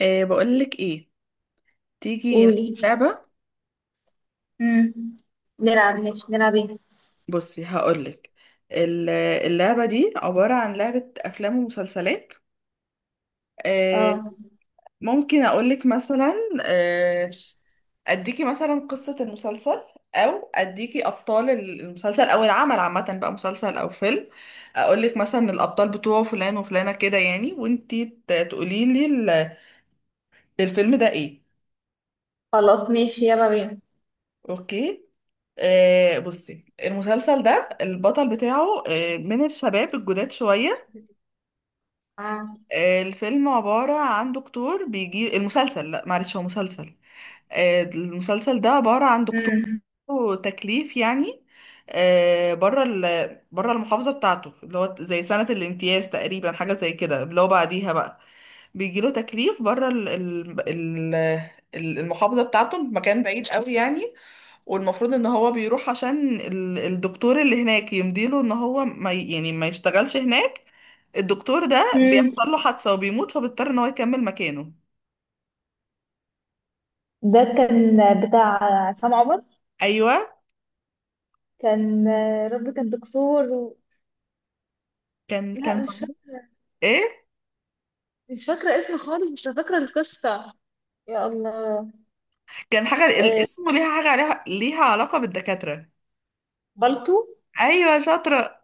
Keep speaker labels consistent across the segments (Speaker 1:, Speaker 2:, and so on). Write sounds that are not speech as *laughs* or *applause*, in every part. Speaker 1: إيه بقولك ايه، تيجي نلعب
Speaker 2: قولي.
Speaker 1: لعبة؟
Speaker 2: مم. نلعب، ماشي نلعب ايه؟
Speaker 1: بصي هقولك، ال- اللعبة دي عبارة عن لعبة أفلام ومسلسلات. إيه
Speaker 2: اه.
Speaker 1: ممكن أقولك مثلا، إيه؟ أديكي مثلا قصة المسلسل، أو أديكي أبطال المسلسل أو العمل عامة، بقى مسلسل أو فيلم، أقولك مثلا الأبطال بتوعه فلان وفلانة، كده يعني، وانتي تقوليلي الفيلم ده ايه.
Speaker 2: خلاص، ماشي يلا بينا.
Speaker 1: اوكي. بصي، المسلسل ده البطل بتاعه من الشباب الجداد شوية.
Speaker 2: اه.
Speaker 1: الفيلم عبارة عن دكتور بيجي المسلسل، لا معلش، هو مسلسل. المسلسل ده عبارة عن دكتور
Speaker 2: مم.
Speaker 1: عنده تكليف يعني، آه، بره بره المحافظة بتاعته، اللي هو زي سنة الامتياز تقريبا، حاجة زي كده، اللي هو بعديها بقى بيجيله تكليف بره المحافظة بتاعته، مكان بعيد قوي يعني. والمفروض ان هو بيروح عشان الدكتور اللي هناك يمديله ان هو ما ي- يعني ما يشتغلش هناك. الدكتور ده
Speaker 2: مم.
Speaker 1: بيحصل له حادثة وبيموت، فبيضطر ان هو يكمل مكانه.
Speaker 2: ده كان بتاع عصام عمر.
Speaker 1: ايوه.
Speaker 2: كان كان دكتور
Speaker 1: كان
Speaker 2: لا،
Speaker 1: كان
Speaker 2: مش فاكرة
Speaker 1: ايه،
Speaker 2: مش فاكرة اسمه خالص، بس فاكرة القصة. يا الله.
Speaker 1: كان حاجة
Speaker 2: آه،
Speaker 1: الاسم ليها حاجة، عليها ليها علاقة بالدكاترة.
Speaker 2: بالطو.
Speaker 1: أيوة، شاطرة،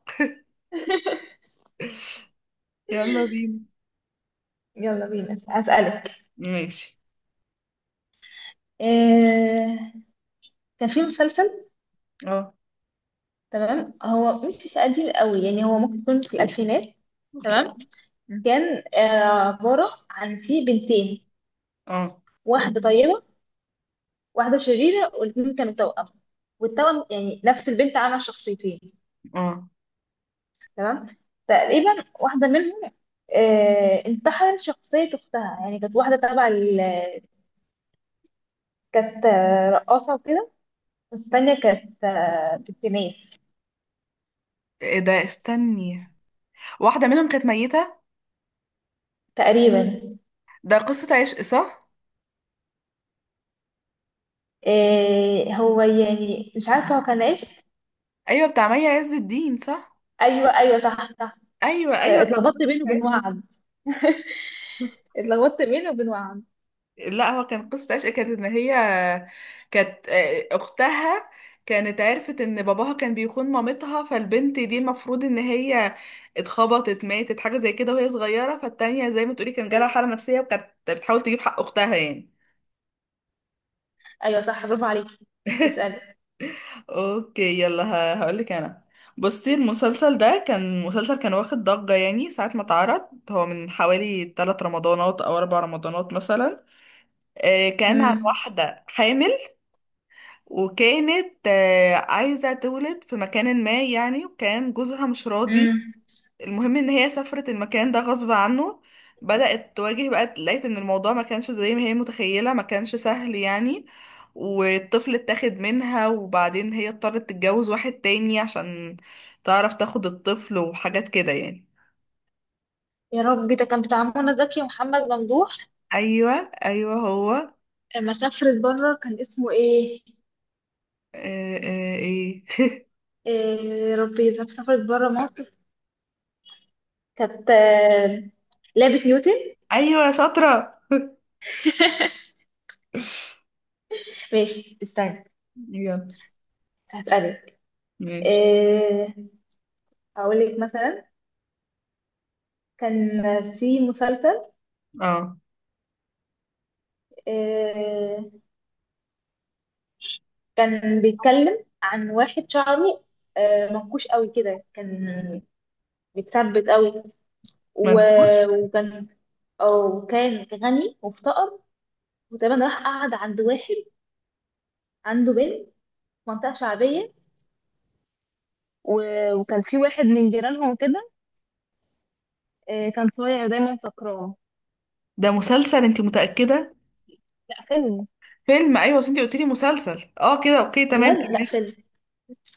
Speaker 1: يلا بينا.
Speaker 2: يلا بينا. هسألك.
Speaker 1: ماشي.
Speaker 2: آه، كان في مسلسل.
Speaker 1: اه.
Speaker 2: تمام، هو مش قديم قوي يعني، هو ممكن يكون في الألفينات. تمام. كان عبارة عن في بنتين،
Speaker 1: اه.
Speaker 2: واحدة طيبة واحدة شريرة، والاتنين كانوا توأم. والتوأم يعني نفس البنت عاملة شخصيتين.
Speaker 1: اه.
Speaker 2: تمام. تقريبا واحدة منهم انتحلت شخصية أختها. يعني كانت واحدة تبع كانت رقاصة وكده، والتانية كانت بتنيس.
Speaker 1: ايه ده، استني، واحدة منهم كانت ميتة؟
Speaker 2: تقريبا.
Speaker 1: ده قصة عشق صح؟
Speaker 2: هو يعني مش عارفة هو كان عايش.
Speaker 1: أيوة، بتاع مي عز الدين صح؟
Speaker 2: أيوه أيوه، صح صح.
Speaker 1: أيوة أيوة، كانت
Speaker 2: اتلخبطت
Speaker 1: قصة
Speaker 2: بينه وبين
Speaker 1: عشق.
Speaker 2: وعد. *laughs* اتلخبطت بينه وبين وعد.
Speaker 1: لا، هو كان قصة عشق، كانت ان هي كانت اختها كانت عرفت ان باباها كان بيخون مامتها، فالبنت دي المفروض ان هي اتخبطت ماتت، حاجة زي كده وهي صغيرة، فالتانية زي ما تقولي كان جالها حالة نفسية وكانت بتحاول تجيب حق اختها يعني.
Speaker 2: ايوه صح، برافو عليكي. اسألي.
Speaker 1: اوكي، يلا هقولك انا. بصي، المسلسل ده كان مسلسل كان واخد ضجة يعني ساعة ما اتعرض، هو من حوالي 3 رمضانات او 4 رمضانات مثلا. كان عن
Speaker 2: امم.
Speaker 1: واحدة حامل، وكانت عايزة تولد في مكان ما يعني، وكان جوزها مش راضي.
Speaker 2: امم.
Speaker 1: المهم ان هي سافرت المكان ده غصب عنه، بدأت تواجه بقى، لقيت ان الموضوع ما كانش زي ما هي متخيلة، ما كانش سهل يعني. والطفل اتاخد منها، وبعدين هي اضطرت تتجوز واحد تاني عشان تعرف تاخد الطفل وحاجات كده يعني.
Speaker 2: يا ربي، ده كان بتاع منى زكي ومحمد ممدوح.
Speaker 1: ايوه. ايوه، هو
Speaker 2: لما سافرت بره كان اسمه ايه؟
Speaker 1: ايه.
Speaker 2: إيه يا ربي، لما سافرت بره مصر كانت لعبة نيوتن.
Speaker 1: *laughs* ايوه، شاطرة. *laughs*
Speaker 2: ماشي استني.
Speaker 1: يلا.
Speaker 2: هسألك.
Speaker 1: ماشي.
Speaker 2: إيه؟ هقول لك مثلا، كان في مسلسل.
Speaker 1: اه.
Speaker 2: إيه. كان بيتكلم عن واحد شعره منكوش قوي كده، كان متثبت قوي و...
Speaker 1: منفوش.
Speaker 2: وكان. أو كان غني وافتقر، وتقريبا راح قعد عند واحد عنده بنت في منطقة شعبية و... وكان في واحد من جيرانهم كده كان صايع ودايما سكران.
Speaker 1: ده مسلسل انت متأكدة؟
Speaker 2: لا، فيلم.
Speaker 1: فيلم، ايوه، اصل انت قلت لي مسلسل، اه كده اوكي تمام،
Speaker 2: بجد لا،
Speaker 1: كملي.
Speaker 2: فيلم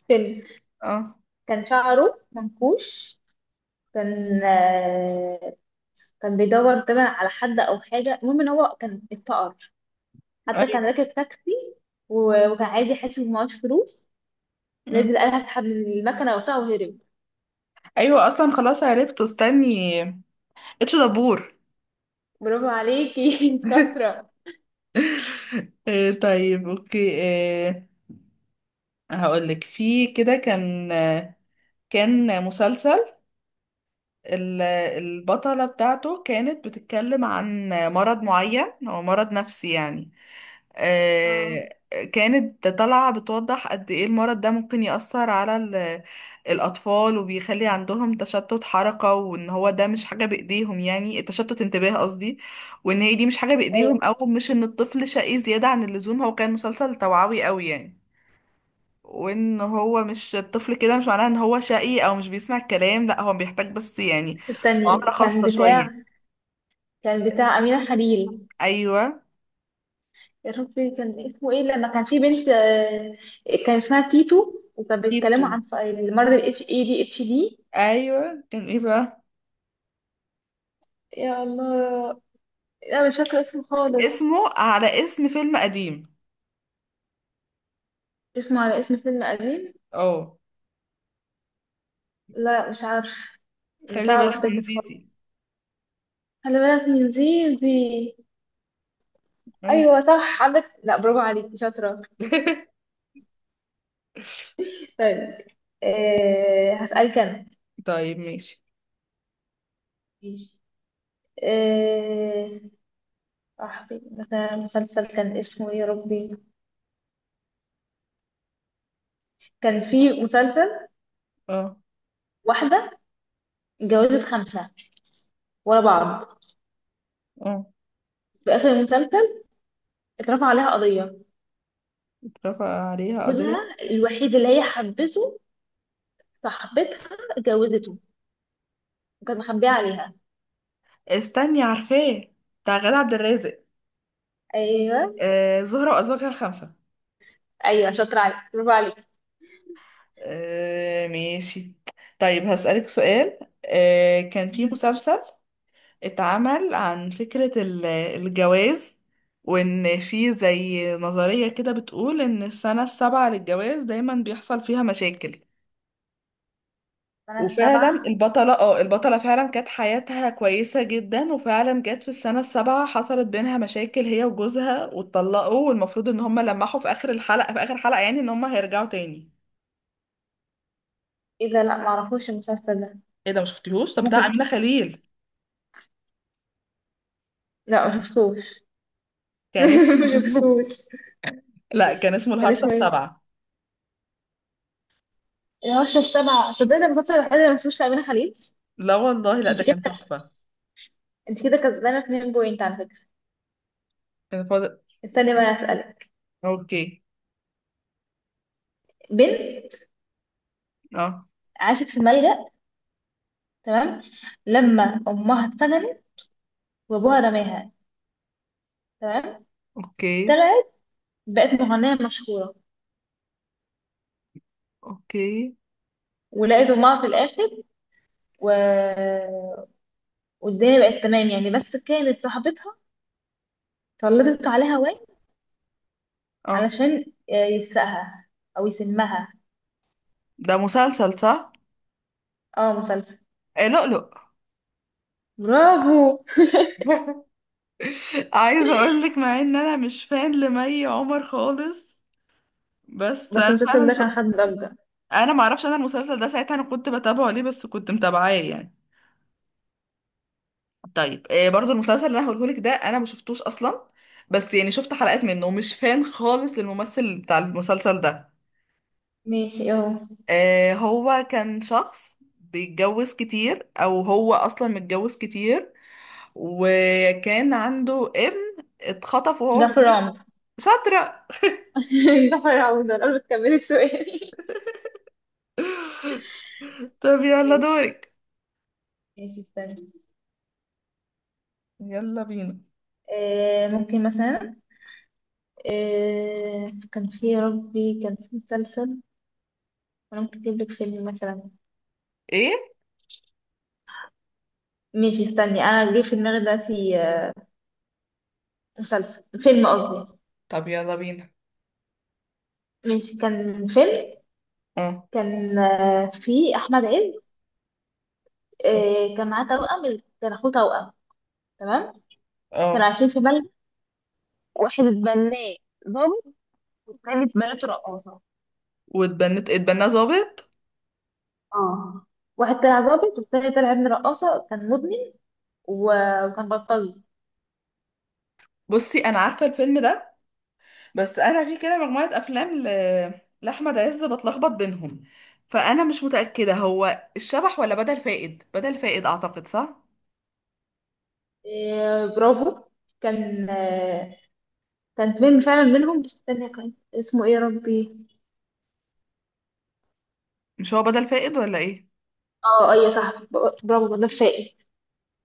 Speaker 2: فيلم.
Speaker 1: اه.
Speaker 2: كان شعره منكوش. كان كان بيدور طبعا على حد او حاجه. المهم ان هو كان اتفقر. حتى
Speaker 1: ايوه.
Speaker 2: كان راكب تاكسي وكان عايز يحاسب ومعهوش فلوس.
Speaker 1: مم.
Speaker 2: نزل قال هسحب من المكنه وبتاع وهرب.
Speaker 1: ايوه اصلا خلاص عرفته، استني، اتش دبور.
Speaker 2: برافو عليكي. *laughs* انت
Speaker 1: *laughs*
Speaker 2: شاطرة.
Speaker 1: طيب اوكي. آه، هقولك في كده، كان كان مسلسل البطلة بتاعته كانت بتتكلم عن مرض معين، هو مرض نفسي يعني.
Speaker 2: اه.
Speaker 1: آه، كانت طالعة بتوضح قد ايه المرض ده ممكن يأثر على الأطفال، وبيخلي عندهم تشتت حركة، وان هو ده مش حاجة بإيديهم، يعني التشتت انتباه قصدي، وان هي دي مش حاجة
Speaker 2: ايه
Speaker 1: بإيديهم او مش ان الطفل شقي زيادة عن اللزوم، هو كان مسلسل توعوي قوي يعني، وان هو مش الطفل كده مش معناه ان هو شقي او مش بيسمع الكلام، لا هو بيحتاج بس يعني معاملة
Speaker 2: استني. كان
Speaker 1: خاصة
Speaker 2: بتاع
Speaker 1: شوية.
Speaker 2: كان بتاع أمينة خليل.
Speaker 1: ايوه.
Speaker 2: يا ربي كان اسمه ايه لما كان في بنت؟ كان اسمها تيتو، وكانوا
Speaker 1: كيتو،
Speaker 2: بيتكلموا عن المرض ال اتش اي دي اتش دي.
Speaker 1: ايوه، كان ايه بقى؟
Speaker 2: يا الله. لا مش فاكرة اسمه خالص.
Speaker 1: اسمه على اسم فيلم قديم.
Speaker 2: اسمه على اسم فيلم قديم.
Speaker 1: اه.
Speaker 2: لا مش عارف.
Speaker 1: خلي
Speaker 2: صعب
Speaker 1: بالك *laughs* من
Speaker 2: افتكر خالص.
Speaker 1: زيزي.
Speaker 2: خلي بالك من زي دي.
Speaker 1: أيوة.
Speaker 2: ايوه صح عندك، لا، برافو عليك شاطرة.
Speaker 1: *laughs*
Speaker 2: طيب. هسألك انا.
Speaker 1: طيب ماشي.
Speaker 2: ماشي. إيه؟ صاحبي مثلا مسلسل كان اسمه ايه يا ربي. كان في مسلسل.
Speaker 1: اه.
Speaker 2: واحدة اتجوزت خمسة ورا بعض.
Speaker 1: اه.
Speaker 2: في آخر المسلسل اترفع عليها قضية.
Speaker 1: اترفع عليها قضية.
Speaker 2: جوزها الوحيد اللي هي حبته صاحبتها اتجوزته، وكانت مخبية عليها.
Speaker 1: استني عارفاه، بتاع غادة عبد الرازق،
Speaker 2: ايوه
Speaker 1: زهرة وأزواجها خمسة.
Speaker 2: ايوه، شاطرة عليك، برافو عليك.
Speaker 1: ماشي، طيب هسألك سؤال. كان في
Speaker 2: مم.
Speaker 1: مسلسل اتعمل عن فكرة الجواز، وإن في زي نظرية كده بتقول إن السنة السابعة للجواز دايما بيحصل فيها مشاكل.
Speaker 2: أنا
Speaker 1: وفعلا
Speaker 2: السبعة.
Speaker 1: البطلة، اه البطلة فعلا كانت حياتها كويسة جدا، وفعلا جت في السنة السابعة حصلت بينها مشاكل هي وجوزها واتطلقوا، والمفروض ان هما لمحوا في اخر الحلقة، في اخر حلقة يعني، ان هما هيرجعوا تاني.
Speaker 2: ايه ده؟ لا، معرفوش المسلسل ده.
Speaker 1: ايه ده مشفتيهوش؟ طب بتاع أمينة
Speaker 2: ممكن.
Speaker 1: خليل،
Speaker 2: لا ما شفتوش.
Speaker 1: كان
Speaker 2: *laughs* ما
Speaker 1: اسمه
Speaker 2: شفتوش.
Speaker 1: *laughs* لا كان اسمه
Speaker 2: كان
Speaker 1: الهرشة
Speaker 2: اسمه ايه؟
Speaker 1: السابعة.
Speaker 2: الهوشة السبعة. صدقت، المسلسل الوحيد اللي ما شفتوش لأمينة خليل.
Speaker 1: لا والله لا، ده
Speaker 2: انت كده
Speaker 1: كان تحفة.
Speaker 2: انت كده كسبانه 2 بوينت على فكره.
Speaker 1: كان فاضل. آه،
Speaker 2: استني بقى اسالك.
Speaker 1: اوكي.
Speaker 2: بنت
Speaker 1: اه،
Speaker 2: عاشت في ملجأ. تمام. لما امها اتسجنت وابوها رماها. تمام.
Speaker 1: اوكي،
Speaker 2: طلعت بقت مغنيه مشهوره
Speaker 1: اوكي.
Speaker 2: ولقيت امها في الاخر و... والدنيا بقت تمام يعني. بس كانت صاحبتها سلطت عليها وين
Speaker 1: اه،
Speaker 2: علشان يسرقها او يسمها.
Speaker 1: ده مسلسل صح؟
Speaker 2: اه، مسلسل.
Speaker 1: إيه، لؤلؤ.
Speaker 2: برافو.
Speaker 1: *laughs* عايزه اقول لك، مع ان انا مش فان لمي عمر خالص، بس
Speaker 2: بس
Speaker 1: انا
Speaker 2: المسلسل
Speaker 1: فعلا
Speaker 2: ده كان خد ضجه.
Speaker 1: انا ما اعرفش، انا المسلسل ده ساعتها انا كنت بتابعه ليه، بس كنت متابعاه يعني. طيب برضو المسلسل اللي انا هقوله لك ده انا ما شفتوش اصلا، بس يعني شفت حلقات منه، ومش فان خالص للممثل بتاع المسلسل ده.
Speaker 2: ماشي اهو.
Speaker 1: هو كان شخص بيتجوز كتير، او هو اصلا متجوز كتير، وكان عنده ابن اتخطف وهو
Speaker 2: جعفر
Speaker 1: صغير.
Speaker 2: العمدة.
Speaker 1: شاطرة.
Speaker 2: *laughs* جعفر العمدة. قبل تكملي السؤال،
Speaker 1: طب يلا دورك.
Speaker 2: ماشي استنى.
Speaker 1: يلا بينا.
Speaker 2: ممكن مثلا. كان في يا ربي كان في مسلسل. انا ممكن اجيب لك فيلم مثلا.
Speaker 1: ايه؟
Speaker 2: ماشي استني، انا جه في دماغي دلوقتي. مسلسل، فيلم قصدي.
Speaker 1: طب يلا بينا.
Speaker 2: ماشي كان فيلم.
Speaker 1: اه.
Speaker 2: كان في احمد عز. كان معاه توأم. كان اخوه توأم. تمام. كانوا
Speaker 1: اه.
Speaker 2: عايشين في بلد واحد. اتبناه ضابط، والتاني اتبنته رقاصة.
Speaker 1: اتبنى ظابط.
Speaker 2: اه. واحد طلع ضابط والتاني طلع ابن رقاصة كان مدمن وكان بلطجي.
Speaker 1: بصي انا عارفه الفيلم ده، بس انا في كده مجموعه افلام لاحمد عز، بتلخبط بينهم، فانا مش متاكده هو الشبح ولا بدل فائد، بدل فائد اعتقد صح.
Speaker 2: برافو. كان آه، كان فيلم فعلا منهم، بس استنى كان اسمه ايه يا ربي.
Speaker 1: مش هو بدل فائد ولا ايه؟
Speaker 2: اه ايوه صح، برافو دفائي.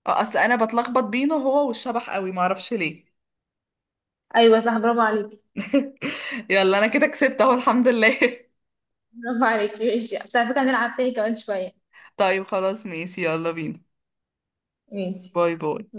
Speaker 1: اه، اصل انا بتلخبط بينه هو والشبح قوي، معرفش ليه.
Speaker 2: ايوه صح برافو عليكي.
Speaker 1: *laughs* يلا انا كده كسبت اهو الحمد لله. *laughs*
Speaker 2: برافو عليكي. ماشي بس على فكره هنلعب تاني كمان شويه.
Speaker 1: طيب خلاص ماشي، يلا بينا،
Speaker 2: ماشي.
Speaker 1: باي باي.